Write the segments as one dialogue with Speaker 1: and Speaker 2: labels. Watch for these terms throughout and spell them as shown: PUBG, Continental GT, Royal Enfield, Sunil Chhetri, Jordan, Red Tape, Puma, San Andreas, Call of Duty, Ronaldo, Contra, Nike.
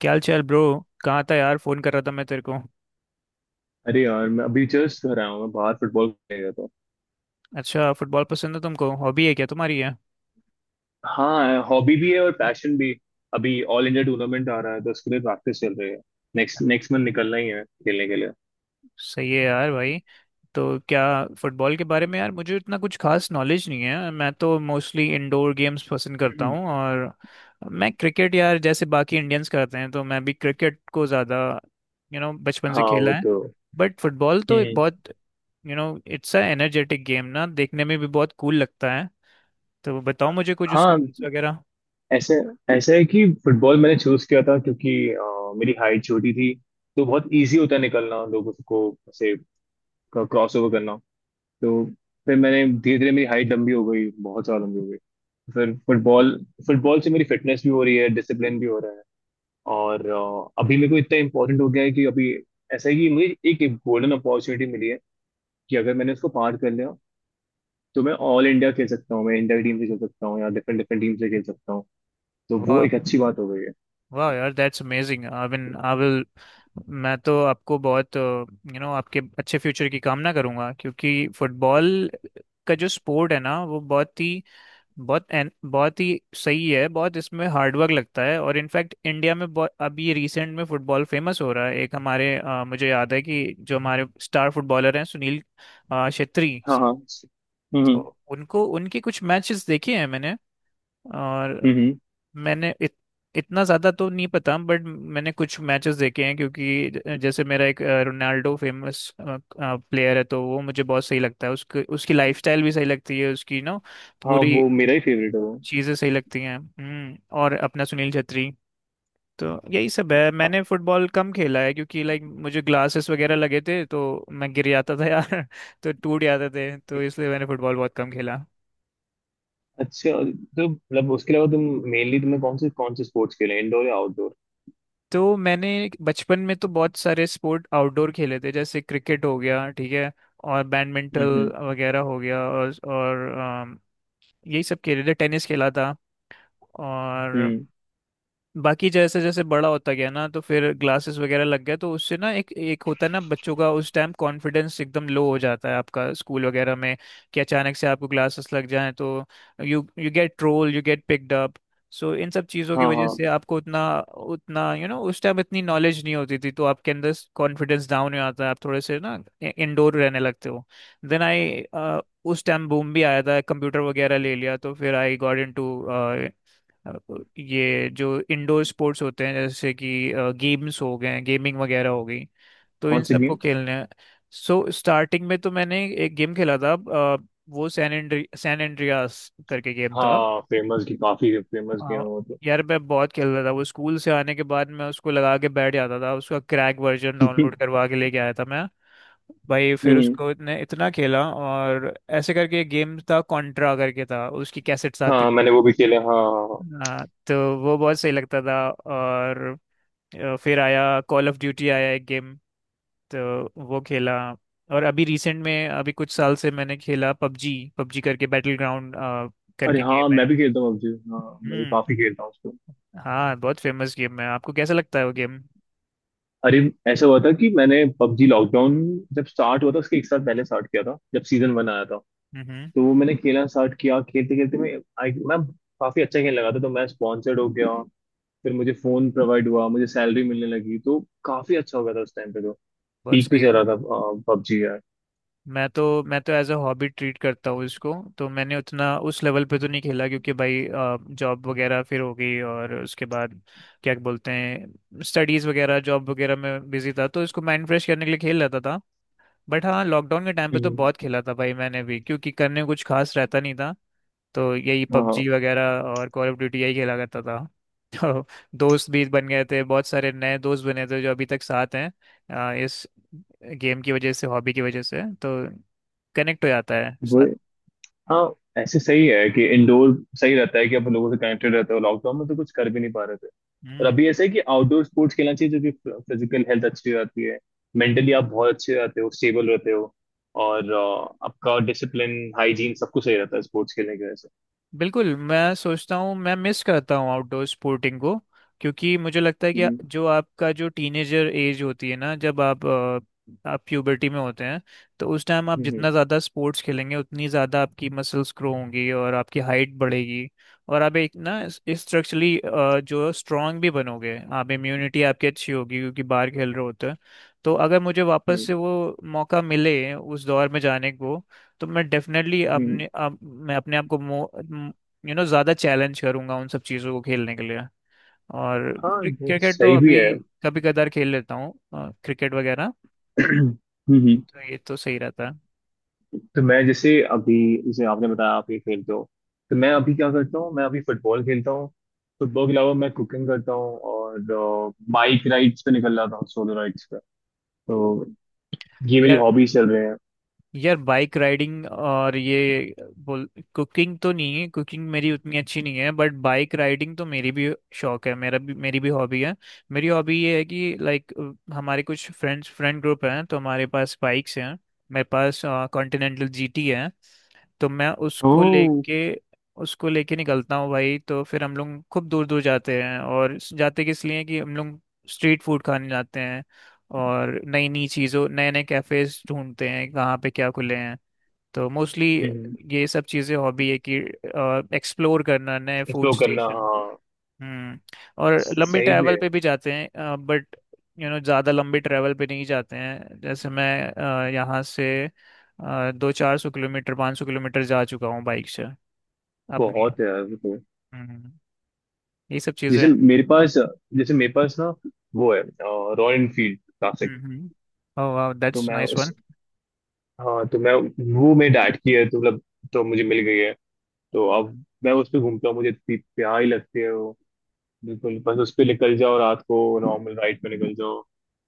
Speaker 1: क्या हाल चाल ब्रो। कहाँ था यार, फोन कर रहा था मैं तेरे को।
Speaker 2: अरे यार, मैं अभी जस्ट घर आया हूँ। मैं बाहर फुटबॉल खेलने गया था।
Speaker 1: अच्छा, फुटबॉल पसंद है तुमको, हॉबी है क्या तुम्हारी है।
Speaker 2: हाँ, हॉबी भी है और पैशन भी। अभी ऑल इंडिया टूर्नामेंट आ रहा है, तो उसके लिए प्रैक्टिस चल रही है। नेक्स्ट नेक्स्ट मंथ निकलना ही है खेलने के लिए।
Speaker 1: सही है यार भाई। तो क्या फुटबॉल के बारे में, यार मुझे इतना कुछ खास नॉलेज नहीं है, मैं तो मोस्टली इंडोर गेम्स पसंद करता
Speaker 2: हम्म।
Speaker 1: हूँ, और मैं क्रिकेट यार जैसे बाकी इंडियंस करते हैं तो मैं भी क्रिकेट को ज़्यादा बचपन से
Speaker 2: हाँ, वो
Speaker 1: खेला है।
Speaker 2: तो।
Speaker 1: बट फुटबॉल तो
Speaker 2: हम्म।
Speaker 1: बहुत you know it's a energetic game ना, देखने में भी बहुत कूल लगता है। तो बताओ मुझे कुछ उसके
Speaker 2: हाँ,
Speaker 1: रूल्स वगैरह।
Speaker 2: ऐसे। ऐसा है कि फुटबॉल मैंने चूज किया था, क्योंकि मेरी हाइट छोटी थी। तो बहुत इजी होता है निकलना लोगों को, ऐसे क्रॉस ओवर करना। तो फिर मैंने धीरे धीरे मेरी हाइट लंबी हो गई बहुत ज्यादा लंबी हो गई फिर फुटबॉल फुटबॉल से मेरी फिटनेस भी हो रही है, डिसिप्लिन भी हो रहा है। और अभी मेरे को इतना इम्पोर्टेंट हो गया है कि अभी ऐसा है कि मुझे एक गोल्डन अपॉर्चुनिटी मिली है, कि अगर मैंने उसको पार कर लिया, तो मैं ऑल इंडिया खेल सकता हूँ। मैं इंडिया की टीम से खेल सकता हूँ, या डिफरेंट डिफरेंट टीम से खेल सकता हूँ। तो वो
Speaker 1: वाह,
Speaker 2: एक अच्छी बात हो गई है।
Speaker 1: वाह यार, that's amazing. I mean I will, मैं तो आपको बहुत आपके अच्छे फ्यूचर की कामना करूंगा क्योंकि फुटबॉल का जो स्पोर्ट है ना वो बहुत ही बहुत ही सही है, बहुत इसमें हार्डवर्क लगता है, और इनफैक्ट इंडिया में बहुत अभी रिसेंट में फुटबॉल फेमस हो रहा है। एक हमारे मुझे याद है कि जो हमारे स्टार फुटबॉलर हैं, सुनील छेत्री
Speaker 2: हाँ हाँ,
Speaker 1: साहब, तो उनको उनके कुछ मैचेस देखे हैं मैंने। और
Speaker 2: हम्म।
Speaker 1: मैंने इत, इतना ज़्यादा तो नहीं पता, बट मैंने कुछ मैचेस देखे हैं। क्योंकि जैसे मेरा एक रोनाल्डो फेमस प्लेयर है, तो वो मुझे बहुत सही लगता है, उसके उसकी लाइफस्टाइल भी सही लगती है उसकी, ना
Speaker 2: हाँ,
Speaker 1: पूरी
Speaker 2: वो मेरा ही फेवरेट है, वो।
Speaker 1: चीज़ें सही लगती हैं और अपना सुनील छेत्री। तो यही सब है,
Speaker 2: हाँ,
Speaker 1: मैंने फुटबॉल कम खेला है क्योंकि लाइक मुझे ग्लासेस वगैरह लगे थे तो मैं गिर जाता था यार, तो टूट जाते थे, तो इसलिए मैंने फुटबॉल बहुत कम खेला।
Speaker 2: अच्छा। तो मतलब उसके अलावा तुम, मेनली तुम्हें कौन से स्पोर्ट्स खेले, इंडोर या आउटडोर?
Speaker 1: तो मैंने बचपन में तो बहुत सारे स्पोर्ट आउटडोर खेले थे, जैसे क्रिकेट हो गया, ठीक है, और बैडमिंटन
Speaker 2: हम्म
Speaker 1: वगैरह हो गया, और यही सब खेले थे, टेनिस खेला था। और
Speaker 2: हम्म।
Speaker 1: बाकी जैसे जैसे बड़ा होता गया ना, तो फिर ग्लासेस वगैरह लग गया, तो उससे ना एक एक होता है ना बच्चों का, उस टाइम कॉन्फिडेंस एकदम लो हो जाता है आपका, स्कूल वगैरह में कि अचानक से आपको ग्लासेस लग जाएं तो you you get troll, you get picked up. So इन सब चीज़ों की
Speaker 2: हाँ
Speaker 1: वजह
Speaker 2: हाँ।
Speaker 1: से आपको उतना उतना यू you नो know, उस टाइम इतनी नॉलेज नहीं होती थी, तो आपके अंदर कॉन्फिडेंस डाउन हो जाता है, आप थोड़े से ना इंडोर रहने लगते हो। देन आई, उस टाइम बूम भी आया था, कंप्यूटर वगैरह ले लिया, तो फिर आई गॉट इन टू ये जो इंडोर स्पोर्ट्स होते हैं, जैसे कि गेम्स हो गए, गेमिंग वगैरह हो गई, तो
Speaker 2: कौन
Speaker 1: इन
Speaker 2: से
Speaker 1: सबको
Speaker 2: गेम?
Speaker 1: खेलने हैं। सो स्टार्टिंग में तो मैंने एक गेम खेला था, वो सैन एंड्रियास करके गेम था।
Speaker 2: हाँ, फेमस की काफी फेमस गेम
Speaker 1: हाँ
Speaker 2: हो, तो।
Speaker 1: यार, मैं बहुत खेलता था वो, स्कूल से आने के बाद मैं उसको लगा के बैठ जाता था, उसका क्रैक वर्जन डाउनलोड करवा के लेके आया था मैं। भाई फिर
Speaker 2: हम्म।
Speaker 1: उसको इतने इतना खेला, और ऐसे करके एक गेम था कॉन्ट्रा करके था, उसकी कैसेट्स आती
Speaker 2: हाँ,
Speaker 1: थी।
Speaker 2: मैंने वो भी खेले। हाँ हाँ। हाँ।
Speaker 1: हाँ, तो वो बहुत सही लगता था, और फिर आया कॉल ऑफ ड्यूटी, आया एक गेम तो वो खेला। और अभी रिसेंट में अभी कुछ साल से मैंने खेला पबजी, करके बैटल ग्राउंड
Speaker 2: अरे
Speaker 1: करके
Speaker 2: हाँ,
Speaker 1: गेम है।
Speaker 2: मैं भी खेलता हूँ पबजी। हाँ, मैं भी
Speaker 1: हम्म।
Speaker 2: काफी खेलता हूँ उसको।
Speaker 1: हाँ, बहुत फेमस गेम है, आपको कैसा लगता है वो गेम।
Speaker 2: अरे, ऐसा हुआ था कि मैंने पबजी लॉकडाउन जब स्टार्ट हुआ था उसके एक साल पहले स्टार्ट किया था, जब सीजन 1 आया था।
Speaker 1: हम्म,
Speaker 2: तो वो मैंने खेलना स्टार्ट किया। खेलते खेलते मैं काफी अच्छा खेलने लगा था, तो मैं स्पॉन्सर्ड हो गया। फिर मुझे फोन प्रोवाइड हुआ, मुझे सैलरी मिलने लगी। तो काफी अच्छा हो गया था उस टाइम पे, तो
Speaker 1: बहुत
Speaker 2: पीक पे
Speaker 1: सही
Speaker 2: चल
Speaker 1: है।
Speaker 2: रहा था पबजी यार।
Speaker 1: मैं तो एज अ हॉबी ट्रीट करता हूँ इसको, तो मैंने उतना उस लेवल पे तो नहीं खेला क्योंकि भाई जॉब वगैरह फिर हो गई, और उसके बाद क्या बोलते हैं, स्टडीज़ वगैरह, जॉब वगैरह में बिजी था, तो इसको माइंड फ्रेश करने के लिए खेल लेता था। बट हाँ, लॉकडाउन के टाइम पे तो
Speaker 2: हम्म।
Speaker 1: बहुत खेला था भाई मैंने भी, क्योंकि करने को कुछ खास रहता नहीं था, तो यही
Speaker 2: हाँ,
Speaker 1: पबजी वगैरह और कॉल ऑफ ड्यूटी यही खेला करता था। तो दोस्त भी बन गए थे, बहुत सारे नए दोस्त बने थे जो अभी तक साथ हैं, इस गेम की वजह से, हॉबी की वजह से, तो कनेक्ट हो जाता है
Speaker 2: वो।
Speaker 1: साथ।
Speaker 2: हाँ, ऐसे सही है कि इंडोर सही रहता है, कि आप लोगों से कनेक्टेड रहते हो। लॉकडाउन में तो कुछ कर भी नहीं पा रहे थे। और अभी ऐसे है कि आउटडोर स्पोर्ट्स खेलना चाहिए, जो कि फिजिकल हेल्थ अच्छी रहती है, मेंटली आप बहुत अच्छे रहते हो, स्टेबल रहते हो। और आपका डिसिप्लिन हाइजीन सब कुछ सही रहता है स्पोर्ट्स खेलने की वजह से।
Speaker 1: बिल्कुल। मैं सोचता हूँ, मैं मिस करता हूँ आउटडोर स्पोर्टिंग को, क्योंकि मुझे लगता है कि
Speaker 2: हम्म
Speaker 1: जो आपका जो टीनेजर एज होती है ना, जब आप आप प्यूबर्टी में होते हैं, तो उस टाइम आप
Speaker 2: हम्म हम्म
Speaker 1: जितना ज़्यादा स्पोर्ट्स खेलेंगे उतनी ज़्यादा आपकी मसल्स ग्रो होंगी और आपकी हाइट बढ़ेगी, और आप एक ना स्ट्रक्चरली जो स्ट्रांग भी बनोगे आप, इम्यूनिटी आपकी अच्छी होगी, क्योंकि बाहर खेल रहे होते हैं। तो अगर मुझे वापस
Speaker 2: हम्म,
Speaker 1: से वो मौका मिले उस दौर में जाने को, तो मैं डेफिनेटली
Speaker 2: हम्म।
Speaker 1: मैं अपने आप को ज़्यादा चैलेंज करूंगा उन सब चीज़ों को खेलने के लिए। और
Speaker 2: हाँ, वो
Speaker 1: क्रिकेट तो
Speaker 2: सही भी
Speaker 1: अभी
Speaker 2: है।
Speaker 1: कभी कदार खेल लेता हूँ, क्रिकेट वगैरह,
Speaker 2: हम्म।
Speaker 1: तो ये तो सही रहता है।
Speaker 2: तो मैं जैसे अभी, जैसे आपने बताया आप ये खेलते हो, तो मैं अभी क्या करता हूँ, मैं अभी फुटबॉल खेलता हूँ। फुटबॉल के अलावा मैं कुकिंग करता हूँ, और बाइक राइड्स पे निकल जाता हूँ, सोलो राइड्स पे। तो ये मेरी
Speaker 1: यार,
Speaker 2: हॉबीज चल रहे हैं।
Speaker 1: यार बाइक राइडिंग और ये बोल, कुकिंग तो नहीं है, कुकिंग मेरी उतनी अच्छी नहीं है, बट बाइक राइडिंग तो मेरी भी शौक है, मेरा भी मेरी भी हॉबी है। मेरी हॉबी ये है कि लाइक हमारे कुछ फ्रेंड ग्रुप हैं, तो हमारे पास बाइक्स हैं। मेरे पास कॉन्टिनेंटल जीटी है, तो मैं
Speaker 2: ओह।
Speaker 1: उसको लेके निकलता हूँ भाई, तो फिर हम लोग खूब दूर दूर जाते हैं, और जाते किस लिए कि हम लोग स्ट्रीट फूड खाने जाते हैं, और नई नई चीज़ों, नए नए कैफ़ेज ढूंढते हैं, कहाँ पे क्या खुले हैं। तो मोस्टली ये सब चीज़ें हॉबी है कि एक्सप्लोर करना नए फूड
Speaker 2: एक्सप्लोर करना,
Speaker 1: स्टेशन।
Speaker 2: हाँ।
Speaker 1: हम्म, और लंबी
Speaker 2: सही भी
Speaker 1: ट्रैवल
Speaker 2: है।
Speaker 1: पे भी जाते हैं, बट ज़्यादा लंबी ट्रैवल पे नहीं जाते हैं, जैसे मैं यहाँ से दो 400 किलोमीटर, 500 किलोमीटर जा चुका हूँ बाइक से अपनी।
Speaker 2: बहुत है यार, वो तो।
Speaker 1: हम्म, ये सब चीज़ें
Speaker 2: जैसे
Speaker 1: हैं।
Speaker 2: मेरे पास जैसे मेरे पास ना वो है रॉयल एनफील्ड क्लासिक।
Speaker 1: हम्म, ओह वाह,
Speaker 2: तो
Speaker 1: दैट्स
Speaker 2: मैं
Speaker 1: नाइस वन।
Speaker 2: उस हाँ, तो मैं वो मेरे डैड की है, तो मतलब तो मुझे मिल गई है। तो अब मैं उस पे घूमता हूँ, मुझे इतनी प्यारी लगती है वो। बिल्कुल, बस उस पे निकल जाओ रात को, नॉर्मल राइड पे निकल जाओ,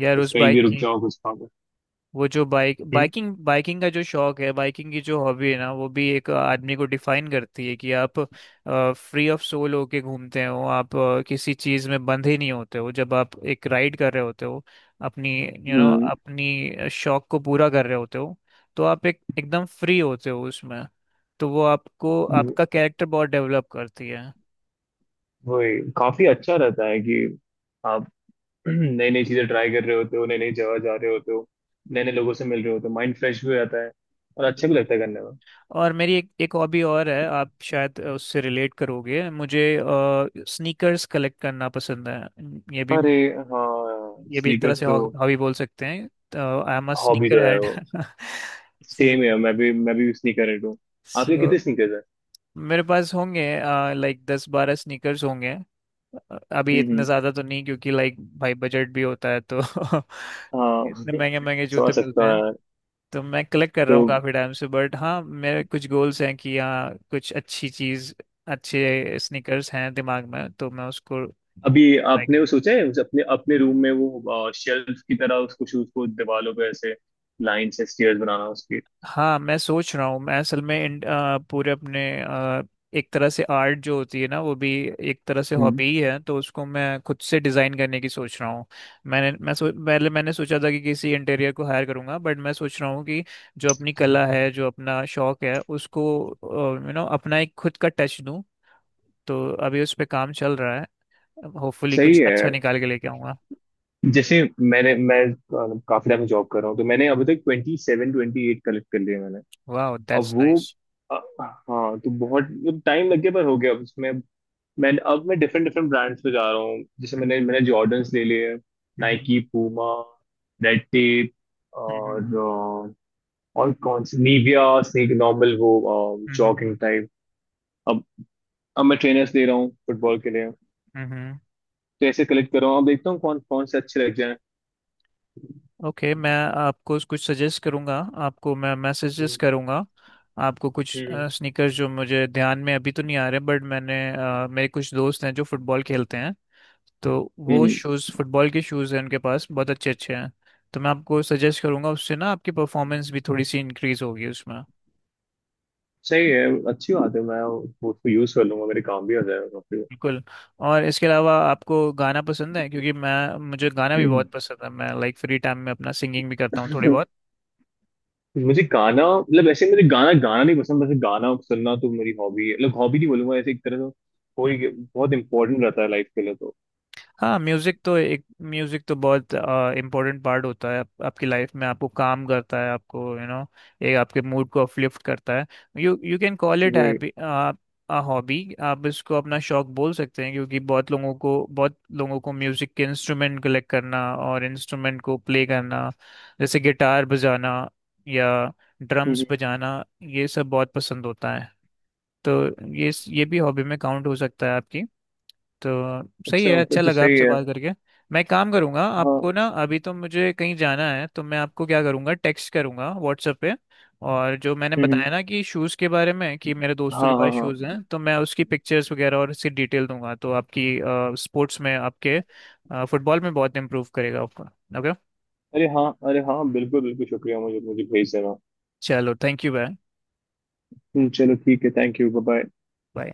Speaker 1: यार
Speaker 2: बस
Speaker 1: उस
Speaker 2: कहीं भी
Speaker 1: बाइक
Speaker 2: रुक
Speaker 1: की,
Speaker 2: जाओ, कुछ खाओ।
Speaker 1: वो जो
Speaker 2: हम्म
Speaker 1: बाइकिंग का जो शौक है, बाइकिंग की जो हॉबी है ना, वो भी एक आदमी को डिफाइन करती है कि आप फ्री ऑफ सोल होके घूमते हो, आप किसी चीज में बंधे नहीं होते हो जब आप एक राइड कर रहे होते हो अपनी,
Speaker 2: हम्म।
Speaker 1: अपनी शौक को पूरा कर रहे होते हो, तो आप एक एकदम फ्री होते हो उसमें, तो वो आपको
Speaker 2: वो-
Speaker 1: आपका कैरेक्टर बहुत डेवलप करती है।
Speaker 2: वही काफी अच्छा रहता है कि आप नई नई चीजें ट्राई कर रहे होते हो, नई नई जगह जा रहे होते हो, नए नए लोगों से मिल रहे होते हो। माइंड फ्रेश भी हो जाता है, और अच्छा भी
Speaker 1: बिल्कुल।
Speaker 2: लगता है करने में।
Speaker 1: और मेरी एक एक हॉबी और है, आप शायद उससे रिलेट करोगे, मुझे स्नीकर्स कलेक्ट करना पसंद है। ये भी
Speaker 2: अरे
Speaker 1: मेरी-
Speaker 2: हाँ,
Speaker 1: ये भी एक तरह
Speaker 2: स्नीकर्स
Speaker 1: से
Speaker 2: तो।
Speaker 1: हॉबी बोल सकते हैं, I am a
Speaker 2: hobby
Speaker 1: sneaker
Speaker 2: तो है
Speaker 1: हेड
Speaker 2: वो। सेम है, मैं भी स्नीकर हूँ। आपके
Speaker 1: सो।
Speaker 2: कितने स्नीकर्स हैं?
Speaker 1: मेरे पास होंगे लाइक 10 12 स्नीकर्स होंगे, अभी
Speaker 2: हम्म
Speaker 1: इतने
Speaker 2: हम्म।
Speaker 1: ज़्यादा तो नहीं क्योंकि लाइक भाई बजट भी होता है तो,
Speaker 2: हाँ।
Speaker 1: इतने महंगे महंगे जूते
Speaker 2: समझ सकता।
Speaker 1: मिलते। तो मैं कलेक्ट कर रहा हूँ
Speaker 2: तो
Speaker 1: काफी टाइम से, बट हाँ मेरे कुछ गोल्स हैं कि हाँ, कुछ अच्छी चीज अच्छे स्नीकर्स हैं दिमाग में, तो मैं उसको
Speaker 2: अभी
Speaker 1: buy
Speaker 2: आपने वो
Speaker 1: करने की-
Speaker 2: सोचा है, उस अपने अपने रूम में वो शेल्फ की तरह, उसको शूज को दीवारों पे ऐसे लाइन से स्टेयर्स बनाना उसकी?
Speaker 1: हाँ मैं सोच रहा हूँ, मैं असल में पूरे अपने एक तरह से आर्ट जो होती है ना, वो भी एक तरह से
Speaker 2: हम्म।
Speaker 1: हॉबी ही है, तो उसको मैं खुद से डिज़ाइन करने की सोच रहा हूँ। पहले मैंने सोचा था कि किसी इंटीरियर को हायर करूँगा, बट मैं सोच रहा हूँ कि जो अपनी कला है, जो अपना शौक है, उसको अपना एक खुद का टच दूं, तो अभी उस पे काम चल रहा है, होपफुली
Speaker 2: सही
Speaker 1: कुछ
Speaker 2: है।
Speaker 1: अच्छा निकाल के लेके आऊंगा।
Speaker 2: जैसे मैंने मैं काफी टाइम जॉब कर रहा हूँ, तो मैंने अभी तक 27 28 कलेक्ट कर लिए मैंने।
Speaker 1: वाह,
Speaker 2: अब
Speaker 1: दैट्स
Speaker 2: वो
Speaker 1: नाइस।
Speaker 2: अ, हाँ, तो बहुत टाइम लग गया पर हो गया अब उसमें। मैं अब मैं डिफरेंट डिफरेंट ब्रांड्स पे जा रहा हूँ। जैसे मैंने मैंने जॉर्डन्स ले लिए, नाइकी, पूमा, रेड टेप, और और कौन सी निविया, स्नीक, नॉर्मल वो, जॉगिंग टाइप। अब अब मैं ट्रेनर्स दे रहा हूँ फुटबॉल के लिए। तो ऐसे कलेक्ट कर रहा हूँ, अब देखता हूँ कौन कौन से अच्छे लग जाए।
Speaker 1: ओके मैं आपको कुछ सजेस्ट करूंगा, आपको मैं मैसेजेस
Speaker 2: हम्म
Speaker 1: करूंगा, आपको कुछ
Speaker 2: हम्म
Speaker 1: स्नीकर्स जो मुझे ध्यान में अभी तो नहीं आ रहे, बट मैंने मेरे कुछ दोस्त हैं जो फुटबॉल खेलते हैं, तो वो
Speaker 2: हम्म,
Speaker 1: शूज़, फुटबॉल के शूज़ हैं उनके पास, बहुत अच्छे अच्छे हैं। तो मैं आपको सजेस्ट करूंगा, उससे ना आपकी परफॉर्मेंस भी थोड़ी सी इंक्रीज होगी उसमें।
Speaker 2: सही है। अच्छी बात है, मैं वो उसको यूज कर लूंगा, मेरे काम भी हो जाएगा काफी।
Speaker 1: बिल्कुल। और इसके अलावा आपको गाना पसंद है, क्योंकि मैं, मुझे गाना भी बहुत पसंद है, मैं लाइक फ्री टाइम में अपना सिंगिंग भी करता हूँ थोड़ी बहुत।
Speaker 2: मुझे गाना मतलब, ऐसे मुझे गाना गाना नहीं पसंद, वैसे गाना सुनना तो मेरी हॉबी है। मतलब हॉबी नहीं बोलूंगा ऐसे, एक तरह से कोई बहुत इंपॉर्टेंट रहता है लाइफ के लिए, तो
Speaker 1: हाँ, म्यूजिक तो बहुत इम्पोर्टेंट पार्ट होता है, आप, आपकी लाइफ में आपको काम करता है, आपको यू you नो एक आपके मूड को अपलिफ्ट करता है। You you can call it
Speaker 2: वही।
Speaker 1: हैप्पी अ हॉबी, आप इसको अपना शौक बोल सकते हैं, क्योंकि बहुत लोगों को म्यूजिक के इंस्ट्रूमेंट कलेक्ट करना और इंस्ट्रूमेंट को प्ले करना, जैसे गिटार बजाना या
Speaker 2: हम्म,
Speaker 1: ड्रम्स
Speaker 2: हम्म।
Speaker 1: बजाना, ये सब बहुत पसंद होता है। तो ये ये भी हॉबी में काउंट हो सकता है आपकी। तो सही है,
Speaker 2: अच्छा, फिर
Speaker 1: अच्छा
Speaker 2: तो
Speaker 1: लगा
Speaker 2: सही
Speaker 1: आपसे
Speaker 2: है।
Speaker 1: बात करके। मैं एक काम करूँगा
Speaker 2: हाँ।
Speaker 1: आपको ना, अभी तो मुझे कहीं जाना है, तो मैं आपको क्या करूँगा, टेक्स्ट करूँगा व्हाट्सएप पे, और जो मैंने
Speaker 2: हम्म,
Speaker 1: बताया ना कि शूज़ के बारे में, कि मेरे दोस्तों के
Speaker 2: हाँ
Speaker 1: पास
Speaker 2: हाँ
Speaker 1: शूज़
Speaker 2: हाँ।
Speaker 1: हैं, तो मैं उसकी पिक्चर्स वगैरह और उसकी डिटेल दूंगा, तो आपकी स्पोर्ट्स में, आपके फुटबॉल में बहुत इम्प्रूव करेगा आपका। ओके,
Speaker 2: अरे हाँ, अरे हाँ, बिल्कुल बिल्कुल शुक्रिया। मुझे मुझे भेज देना।
Speaker 1: चलो थैंक यू बाय
Speaker 2: चलो ठीक है। Thank you. Bye bye.
Speaker 1: Bye.